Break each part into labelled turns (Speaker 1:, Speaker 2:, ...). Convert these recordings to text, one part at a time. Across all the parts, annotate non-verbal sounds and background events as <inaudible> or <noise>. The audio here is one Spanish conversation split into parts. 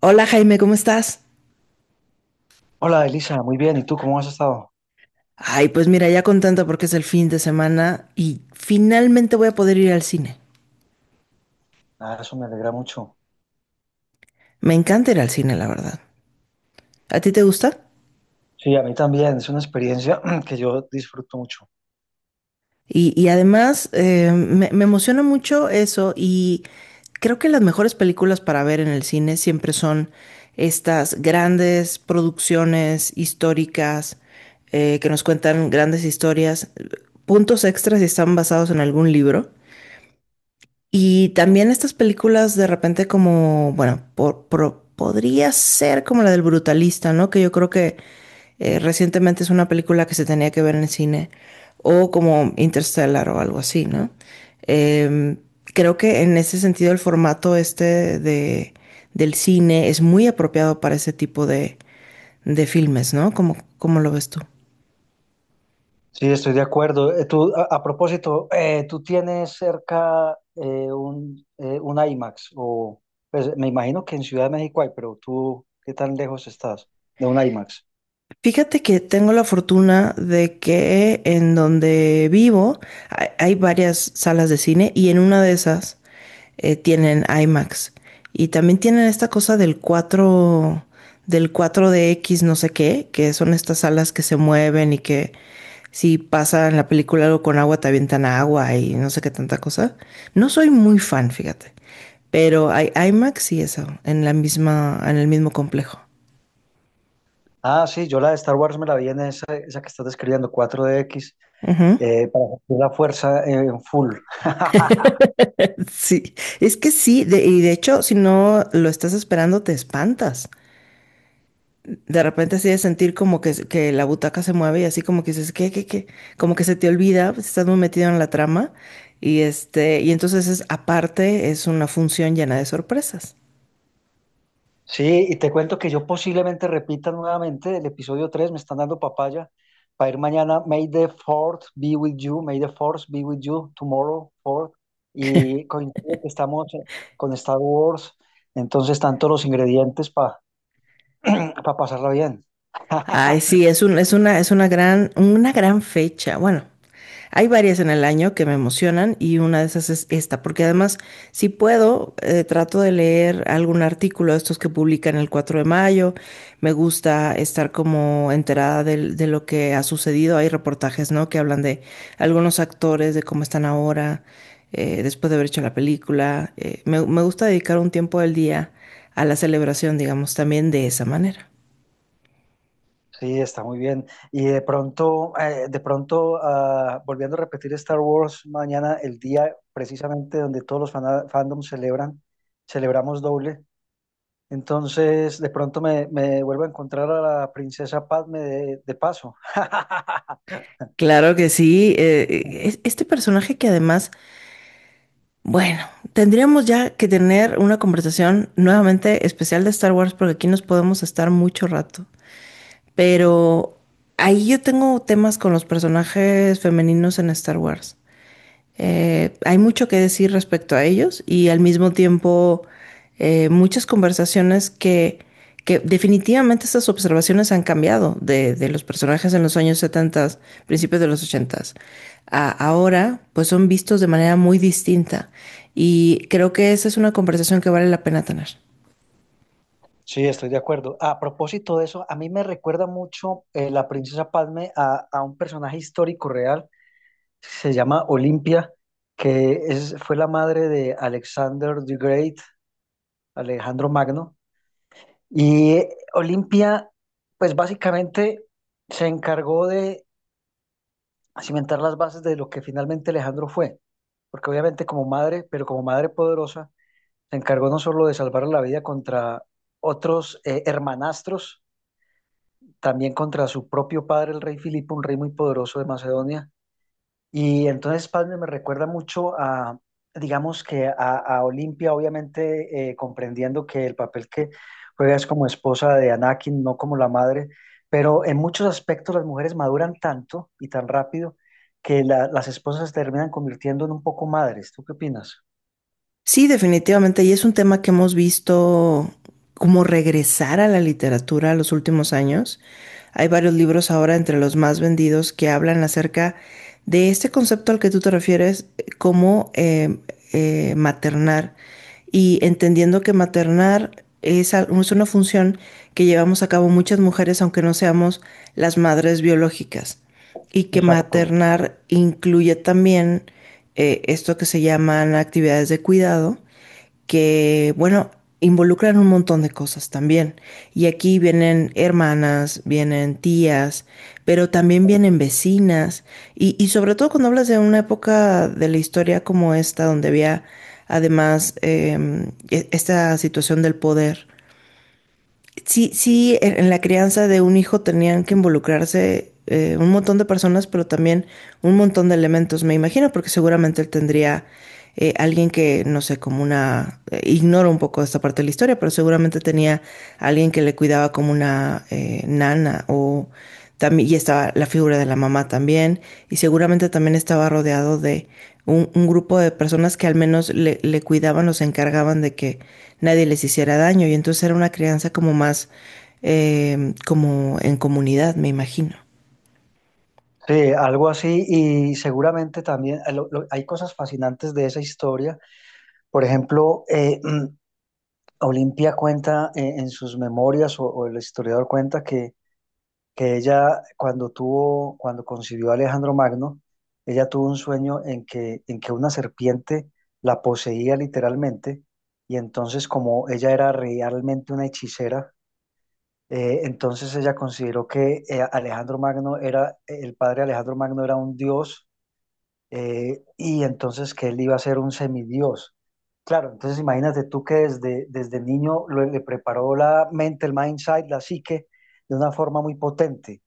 Speaker 1: Hola Jaime, ¿cómo estás?
Speaker 2: Hola Elisa, muy bien. ¿Y tú cómo has estado?
Speaker 1: Ay, pues mira, ya contenta porque es el fin de semana y finalmente voy a poder ir al cine.
Speaker 2: Ah, eso me alegra mucho.
Speaker 1: Me encanta ir al cine, la verdad. ¿A ti te gusta?
Speaker 2: Sí, a mí también. Es una experiencia <clears throat> que yo disfruto mucho.
Speaker 1: Y además me emociona mucho eso, y creo que las mejores películas para ver en el cine siempre son estas grandes producciones históricas, que nos cuentan grandes historias. Puntos extras si están basados en algún libro. Y también estas películas de repente como, bueno, podría ser como la del Brutalista, ¿no? Que yo creo que recientemente es una película que se tenía que ver en el cine, o como Interstellar o algo así, ¿no? Em, Creo que en ese sentido el formato este del cine es muy apropiado para ese tipo de filmes, ¿no? Cómo lo ves tú?
Speaker 2: Sí, estoy de acuerdo. Tú, a propósito, ¿tú tienes cerca un IMAX? O, pues, me imagino que en Ciudad de México hay, pero tú, ¿qué tan lejos estás de un IMAX?
Speaker 1: Fíjate que tengo la fortuna de que en donde vivo hay varias salas de cine y en una de esas tienen IMAX. Y también tienen esta cosa del 4 del 4 X no sé qué, que son estas salas que se mueven y que si pasa en la película algo con agua te avientan agua y no sé qué tanta cosa. No soy muy fan, fíjate. Pero hay IMAX y eso, en la misma, en el mismo complejo.
Speaker 2: Ah, sí, yo la de Star Wars me la vi en esa que estás describiendo, 4DX,
Speaker 1: Ujú.
Speaker 2: para sentir la fuerza en full. <laughs>
Speaker 1: Sí, es que sí, de hecho, si no lo estás esperando, te espantas. De repente así de sentir como que la butaca se mueve y así como que dices, ¿qué, qué, qué? Como que se te olvida, pues, estás muy metido en la trama y entonces es, aparte es una función llena de sorpresas.
Speaker 2: Sí, y te cuento que yo posiblemente repita nuevamente el episodio 3 me están dando papaya para ir mañana. May the fourth be with you, may the fourth be with you tomorrow, fourth. Y coincide que estamos con Star Wars, entonces están todos los ingredientes para pasarla bien.
Speaker 1: Ay, sí,
Speaker 2: <laughs>
Speaker 1: es un, es una gran fecha. Bueno, hay varias en el año que me emocionan y una de esas es esta, porque además, si puedo, trato de leer algún artículo de estos que publican el 4 de mayo. Me gusta estar como enterada de lo que ha sucedido. Hay reportajes, ¿no? Que hablan de algunos actores, de cómo están ahora, después de haber hecho la película. Me gusta dedicar un tiempo del día a la celebración, digamos, también de esa manera.
Speaker 2: Sí, está muy bien. Y de pronto, ah, volviendo a repetir Star Wars, mañana el día precisamente donde todos los fandoms celebran, celebramos doble. Entonces, de pronto me vuelvo a encontrar a la princesa Padme de paso.
Speaker 1: Claro que sí. Este personaje que además, bueno, tendríamos ya que tener una conversación nuevamente especial de Star Wars porque aquí nos podemos estar mucho rato. Pero ahí yo tengo temas con los personajes femeninos en Star Wars. Hay mucho que decir respecto a ellos y al mismo tiempo muchas conversaciones que definitivamente estas observaciones han cambiado de los personajes en los años 70, principios de los 80 a ahora, pues son vistos de manera muy distinta. Y creo que esa es una conversación que vale la pena tener.
Speaker 2: Sí, estoy de acuerdo. A propósito de eso, a mí me recuerda mucho la princesa Padme a un personaje histórico real, se llama Olimpia, que es, fue la madre de Alexander the Great, Alejandro Magno. Y Olimpia, pues básicamente se encargó de cimentar las bases de lo que finalmente Alejandro fue, porque obviamente como madre, pero como madre poderosa, se encargó no solo de salvar la vida contra otros hermanastros, también contra su propio padre, el rey Filipo, un rey muy poderoso de Macedonia. Y entonces, padre, me recuerda mucho digamos que a Olimpia, obviamente comprendiendo que el papel que juega es como esposa de Anakin, no como la madre, pero en muchos aspectos las mujeres maduran tanto y tan rápido que las esposas se terminan convirtiendo en un poco madres. ¿Tú qué opinas?
Speaker 1: Sí, definitivamente. Y es un tema que hemos visto como regresar a la literatura en los últimos años. Hay varios libros ahora entre los más vendidos que hablan acerca de este concepto al que tú te refieres, como maternar. Y entendiendo que maternar es una función que llevamos a cabo muchas mujeres, aunque no seamos las madres biológicas, y que
Speaker 2: Exacto.
Speaker 1: maternar incluye también esto que se llaman actividades de cuidado, que bueno, involucran un montón de cosas también. Y aquí vienen hermanas, vienen tías, pero también vienen vecinas. Y sobre todo cuando hablas de una época de la historia como esta, donde había además esta situación del poder, sí, sí, en la crianza de un hijo tenían que involucrarse un montón de personas, pero también un montón de elementos, me imagino, porque seguramente él tendría alguien que, no sé, como una, ignoro un poco esta parte de la historia, pero seguramente tenía alguien que le cuidaba como una nana o también, y estaba la figura de la mamá también, y seguramente también estaba rodeado de un grupo de personas que al menos le cuidaban o se encargaban de que nadie les hiciera daño, y entonces era una crianza como más como en comunidad, me imagino.
Speaker 2: Sí, algo así y seguramente también hay cosas fascinantes de esa historia. Por ejemplo, Olimpia cuenta en sus memorias o el historiador cuenta que ella cuando concibió a Alejandro Magno, ella tuvo un sueño en que una serpiente la poseía literalmente y entonces como ella era realmente una hechicera, entonces ella consideró que Alejandro Magno era, el padre Alejandro Magno era un dios y entonces que él iba a ser un semidios. Claro, entonces imagínate tú que desde niño le preparó la mente, el mindset, la psique, de una forma muy potente.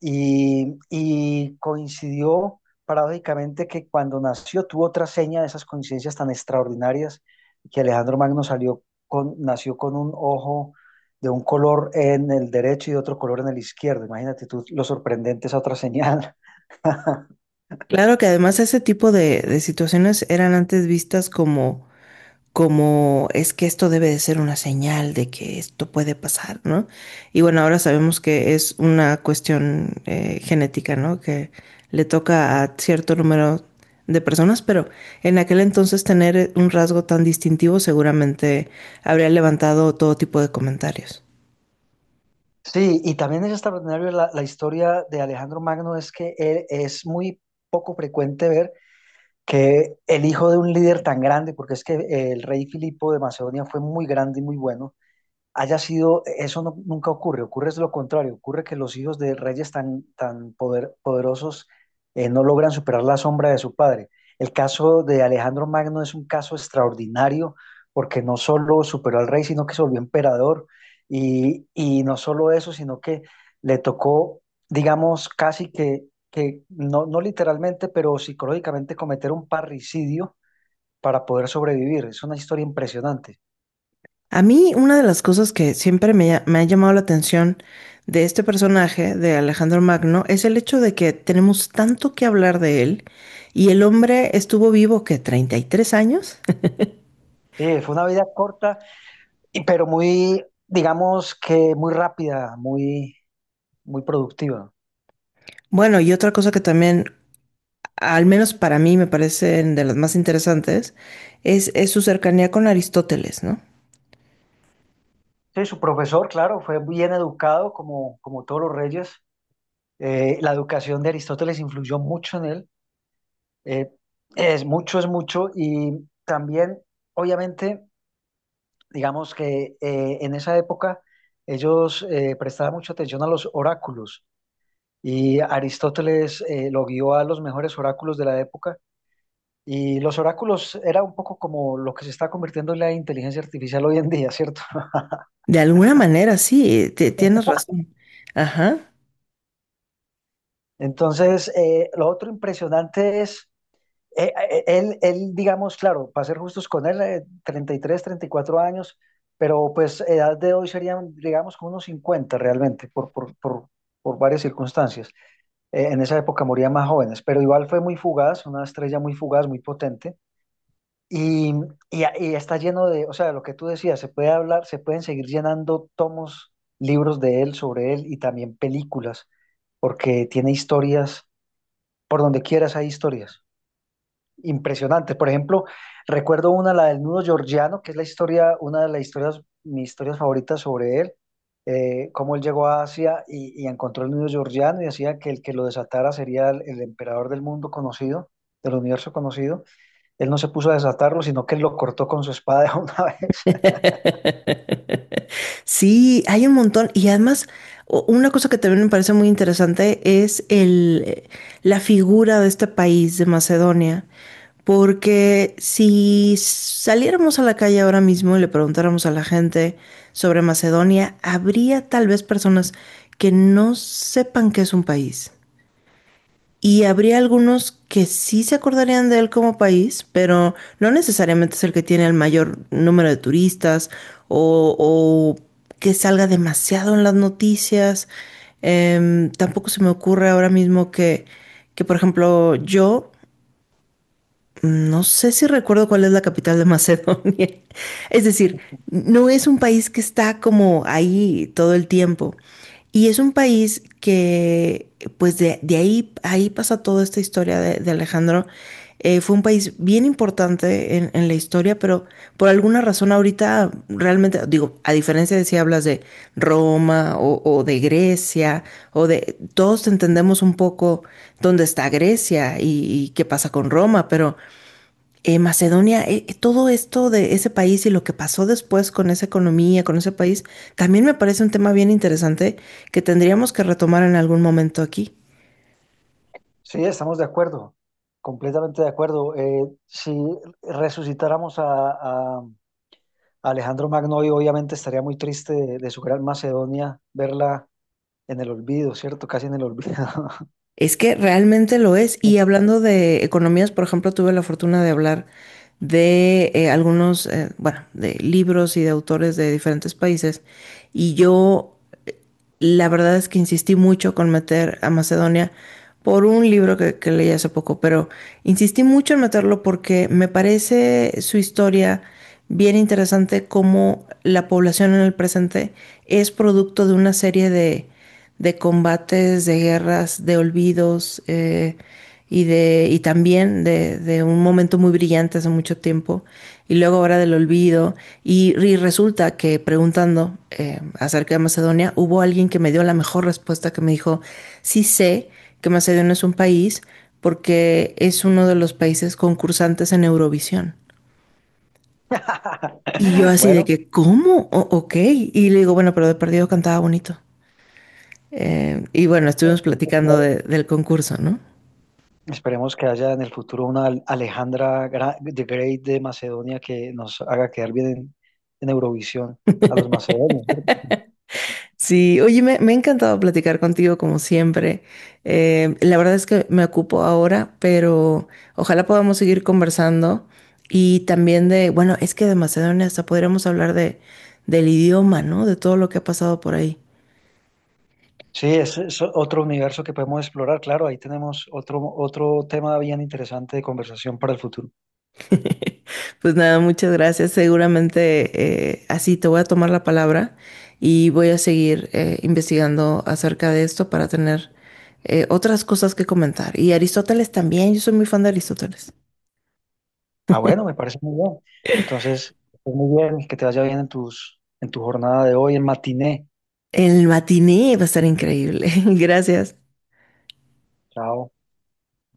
Speaker 2: Y coincidió paradójicamente que cuando nació tuvo otra seña de esas coincidencias tan extraordinarias, que Alejandro Magno salió con, nació con un ojo de un color en el derecho y de otro color en el izquierdo. Imagínate tú lo sorprendente esa otra señal.
Speaker 1: Claro que además ese tipo de situaciones eran antes vistas como, como es que esto debe de ser una señal de que esto puede pasar, ¿no? Y bueno, ahora sabemos que es una cuestión genética, ¿no? Que le toca a cierto número de personas, pero en aquel entonces tener un rasgo tan distintivo seguramente habría levantado todo tipo de comentarios.
Speaker 2: Sí, y también es extraordinario la historia de Alejandro Magno, es que es muy poco frecuente ver que el hijo de un líder tan grande, porque es que el rey Filipo de Macedonia fue muy grande y muy bueno, haya sido, eso nunca ocurre, ocurre es lo contrario, ocurre que los hijos de reyes tan, tan poderosos no logran superar la sombra de su padre. El caso de Alejandro Magno es un caso extraordinario porque no solo superó al rey, sino que se volvió emperador y no solo eso, sino que le tocó, digamos, casi que no, no literalmente, pero psicológicamente cometer un parricidio para poder sobrevivir. Es una historia impresionante.
Speaker 1: A mí una de las cosas que siempre me ha llamado la atención de este personaje, de Alejandro Magno, es el hecho de que tenemos tanto que hablar de él y el hombre estuvo vivo que 33 años. <laughs>
Speaker 2: Sí, fue una vida corta, pero muy, digamos que muy rápida, muy, muy productiva.
Speaker 1: Bueno, y otra cosa que también, al menos para mí, me parecen de las más interesantes, es su cercanía con Aristóteles, ¿no?
Speaker 2: Sí, su profesor, claro, fue bien educado como todos los reyes. La educación de Aristóteles influyó mucho en él. Eh, es mucho, es mucho. Y también, obviamente, digamos que en esa época ellos prestaban mucha atención a los oráculos y Aristóteles lo guió a los mejores oráculos de la época. Y los oráculos era un poco como lo que se está convirtiendo en la inteligencia artificial hoy en día, ¿cierto? <laughs>
Speaker 1: De alguna manera, sí, tienes razón. Ajá.
Speaker 2: Entonces, lo otro impresionante es, él, digamos, claro, para ser justos con él, 33, 34 años, pero pues edad de hoy serían, digamos, como unos 50 realmente, por varias circunstancias. En esa época morían más jóvenes, pero igual fue muy fugaz, una estrella muy fugaz, muy potente. Y, y está lleno de, o sea, lo que tú decías, se puede hablar, se pueden seguir llenando tomos, libros de él, sobre él y también películas, porque tiene historias, por donde quieras hay historias impresionantes. Por ejemplo, recuerdo una, la del nudo georgiano, que es la historia, una de las historias, mis historias favoritas sobre él, cómo él llegó a Asia y encontró el nudo georgiano y decía que el que lo desatara sería el emperador del mundo conocido, del universo conocido. Él no se puso a desatarlo, sino que él lo cortó con su espada de una vez. <laughs>
Speaker 1: <laughs> Sí, hay un montón. Y además, una cosa que también me parece muy interesante es la figura de este país, de Macedonia. Porque si saliéramos a la calle ahora mismo y le preguntáramos a la gente sobre Macedonia, habría tal vez personas que no sepan que es un país. Y habría algunos que sí se acordarían de él como país, pero no necesariamente es el que tiene el mayor número de turistas, o que salga demasiado en las noticias. Tampoco se me ocurre ahora mismo por ejemplo, yo no sé si recuerdo cuál es la capital de Macedonia. <laughs> Es decir, no es un país que está como ahí todo el tiempo. Y es un país que, pues de ahí, ahí pasa toda esta historia de Alejandro. Fue un país bien importante en la historia, pero por alguna razón ahorita realmente, digo, a diferencia de si hablas de Roma o de Grecia, o de, todos entendemos un poco dónde está Grecia y qué pasa con Roma, pero Macedonia, todo esto de ese país y lo que pasó después con esa economía, con ese país, también me parece un tema bien interesante que tendríamos que retomar en algún momento aquí.
Speaker 2: Sí, estamos de acuerdo, completamente de acuerdo. Si resucitáramos a Alejandro Magno, hoy obviamente estaría muy triste de su gran Macedonia verla en el olvido, ¿cierto? Casi en el olvido.
Speaker 1: Es que realmente lo es. Y hablando de economías, por ejemplo, tuve la fortuna de hablar de algunos, bueno, de libros y de autores de diferentes países. Y yo La verdad es que insistí mucho con meter a Macedonia por un libro que leí hace poco, pero insistí mucho en meterlo porque me parece su historia bien interesante, como la población en el presente es producto de una serie de combates, de guerras, de olvidos, y también un momento muy brillante hace mucho tiempo y luego ahora del olvido. Y resulta que preguntando acerca de Macedonia, hubo alguien que me dio la mejor respuesta, que me dijo, sí sé que Macedonia es un país porque es uno de los países concursantes en Eurovisión.
Speaker 2: <laughs>
Speaker 1: Y yo así de
Speaker 2: Bueno,
Speaker 1: que, ¿cómo? O ok. Y le digo, bueno, pero de perdido cantaba bonito. Y bueno, estuvimos
Speaker 2: esperemos que,
Speaker 1: platicando del concurso, ¿no?
Speaker 2: esperemos que haya en el futuro una Alejandra de Great de Macedonia que nos haga quedar bien en Eurovisión a los macedonios.
Speaker 1: Sí, oye, me ha encantado platicar contigo como siempre. La verdad es que me ocupo ahora, pero ojalá podamos seguir conversando y también de, bueno, es que de Macedonia hasta podríamos hablar de, del idioma, ¿no? De todo lo que ha pasado por ahí.
Speaker 2: Sí, ese es otro universo que podemos explorar, claro, ahí tenemos otro tema bien interesante de conversación para el futuro.
Speaker 1: <laughs> Pues nada, muchas gracias. Seguramente así te voy a tomar la palabra y voy a seguir investigando acerca de esto para tener otras cosas que comentar. Y Aristóteles también, yo soy muy fan de Aristóteles.
Speaker 2: Ah, bueno, me parece muy bien. Entonces, muy bien, que te vaya bien en tus, en tu jornada de hoy, en matiné.
Speaker 1: El matiné va a estar increíble. <laughs> Gracias.
Speaker 2: Chao.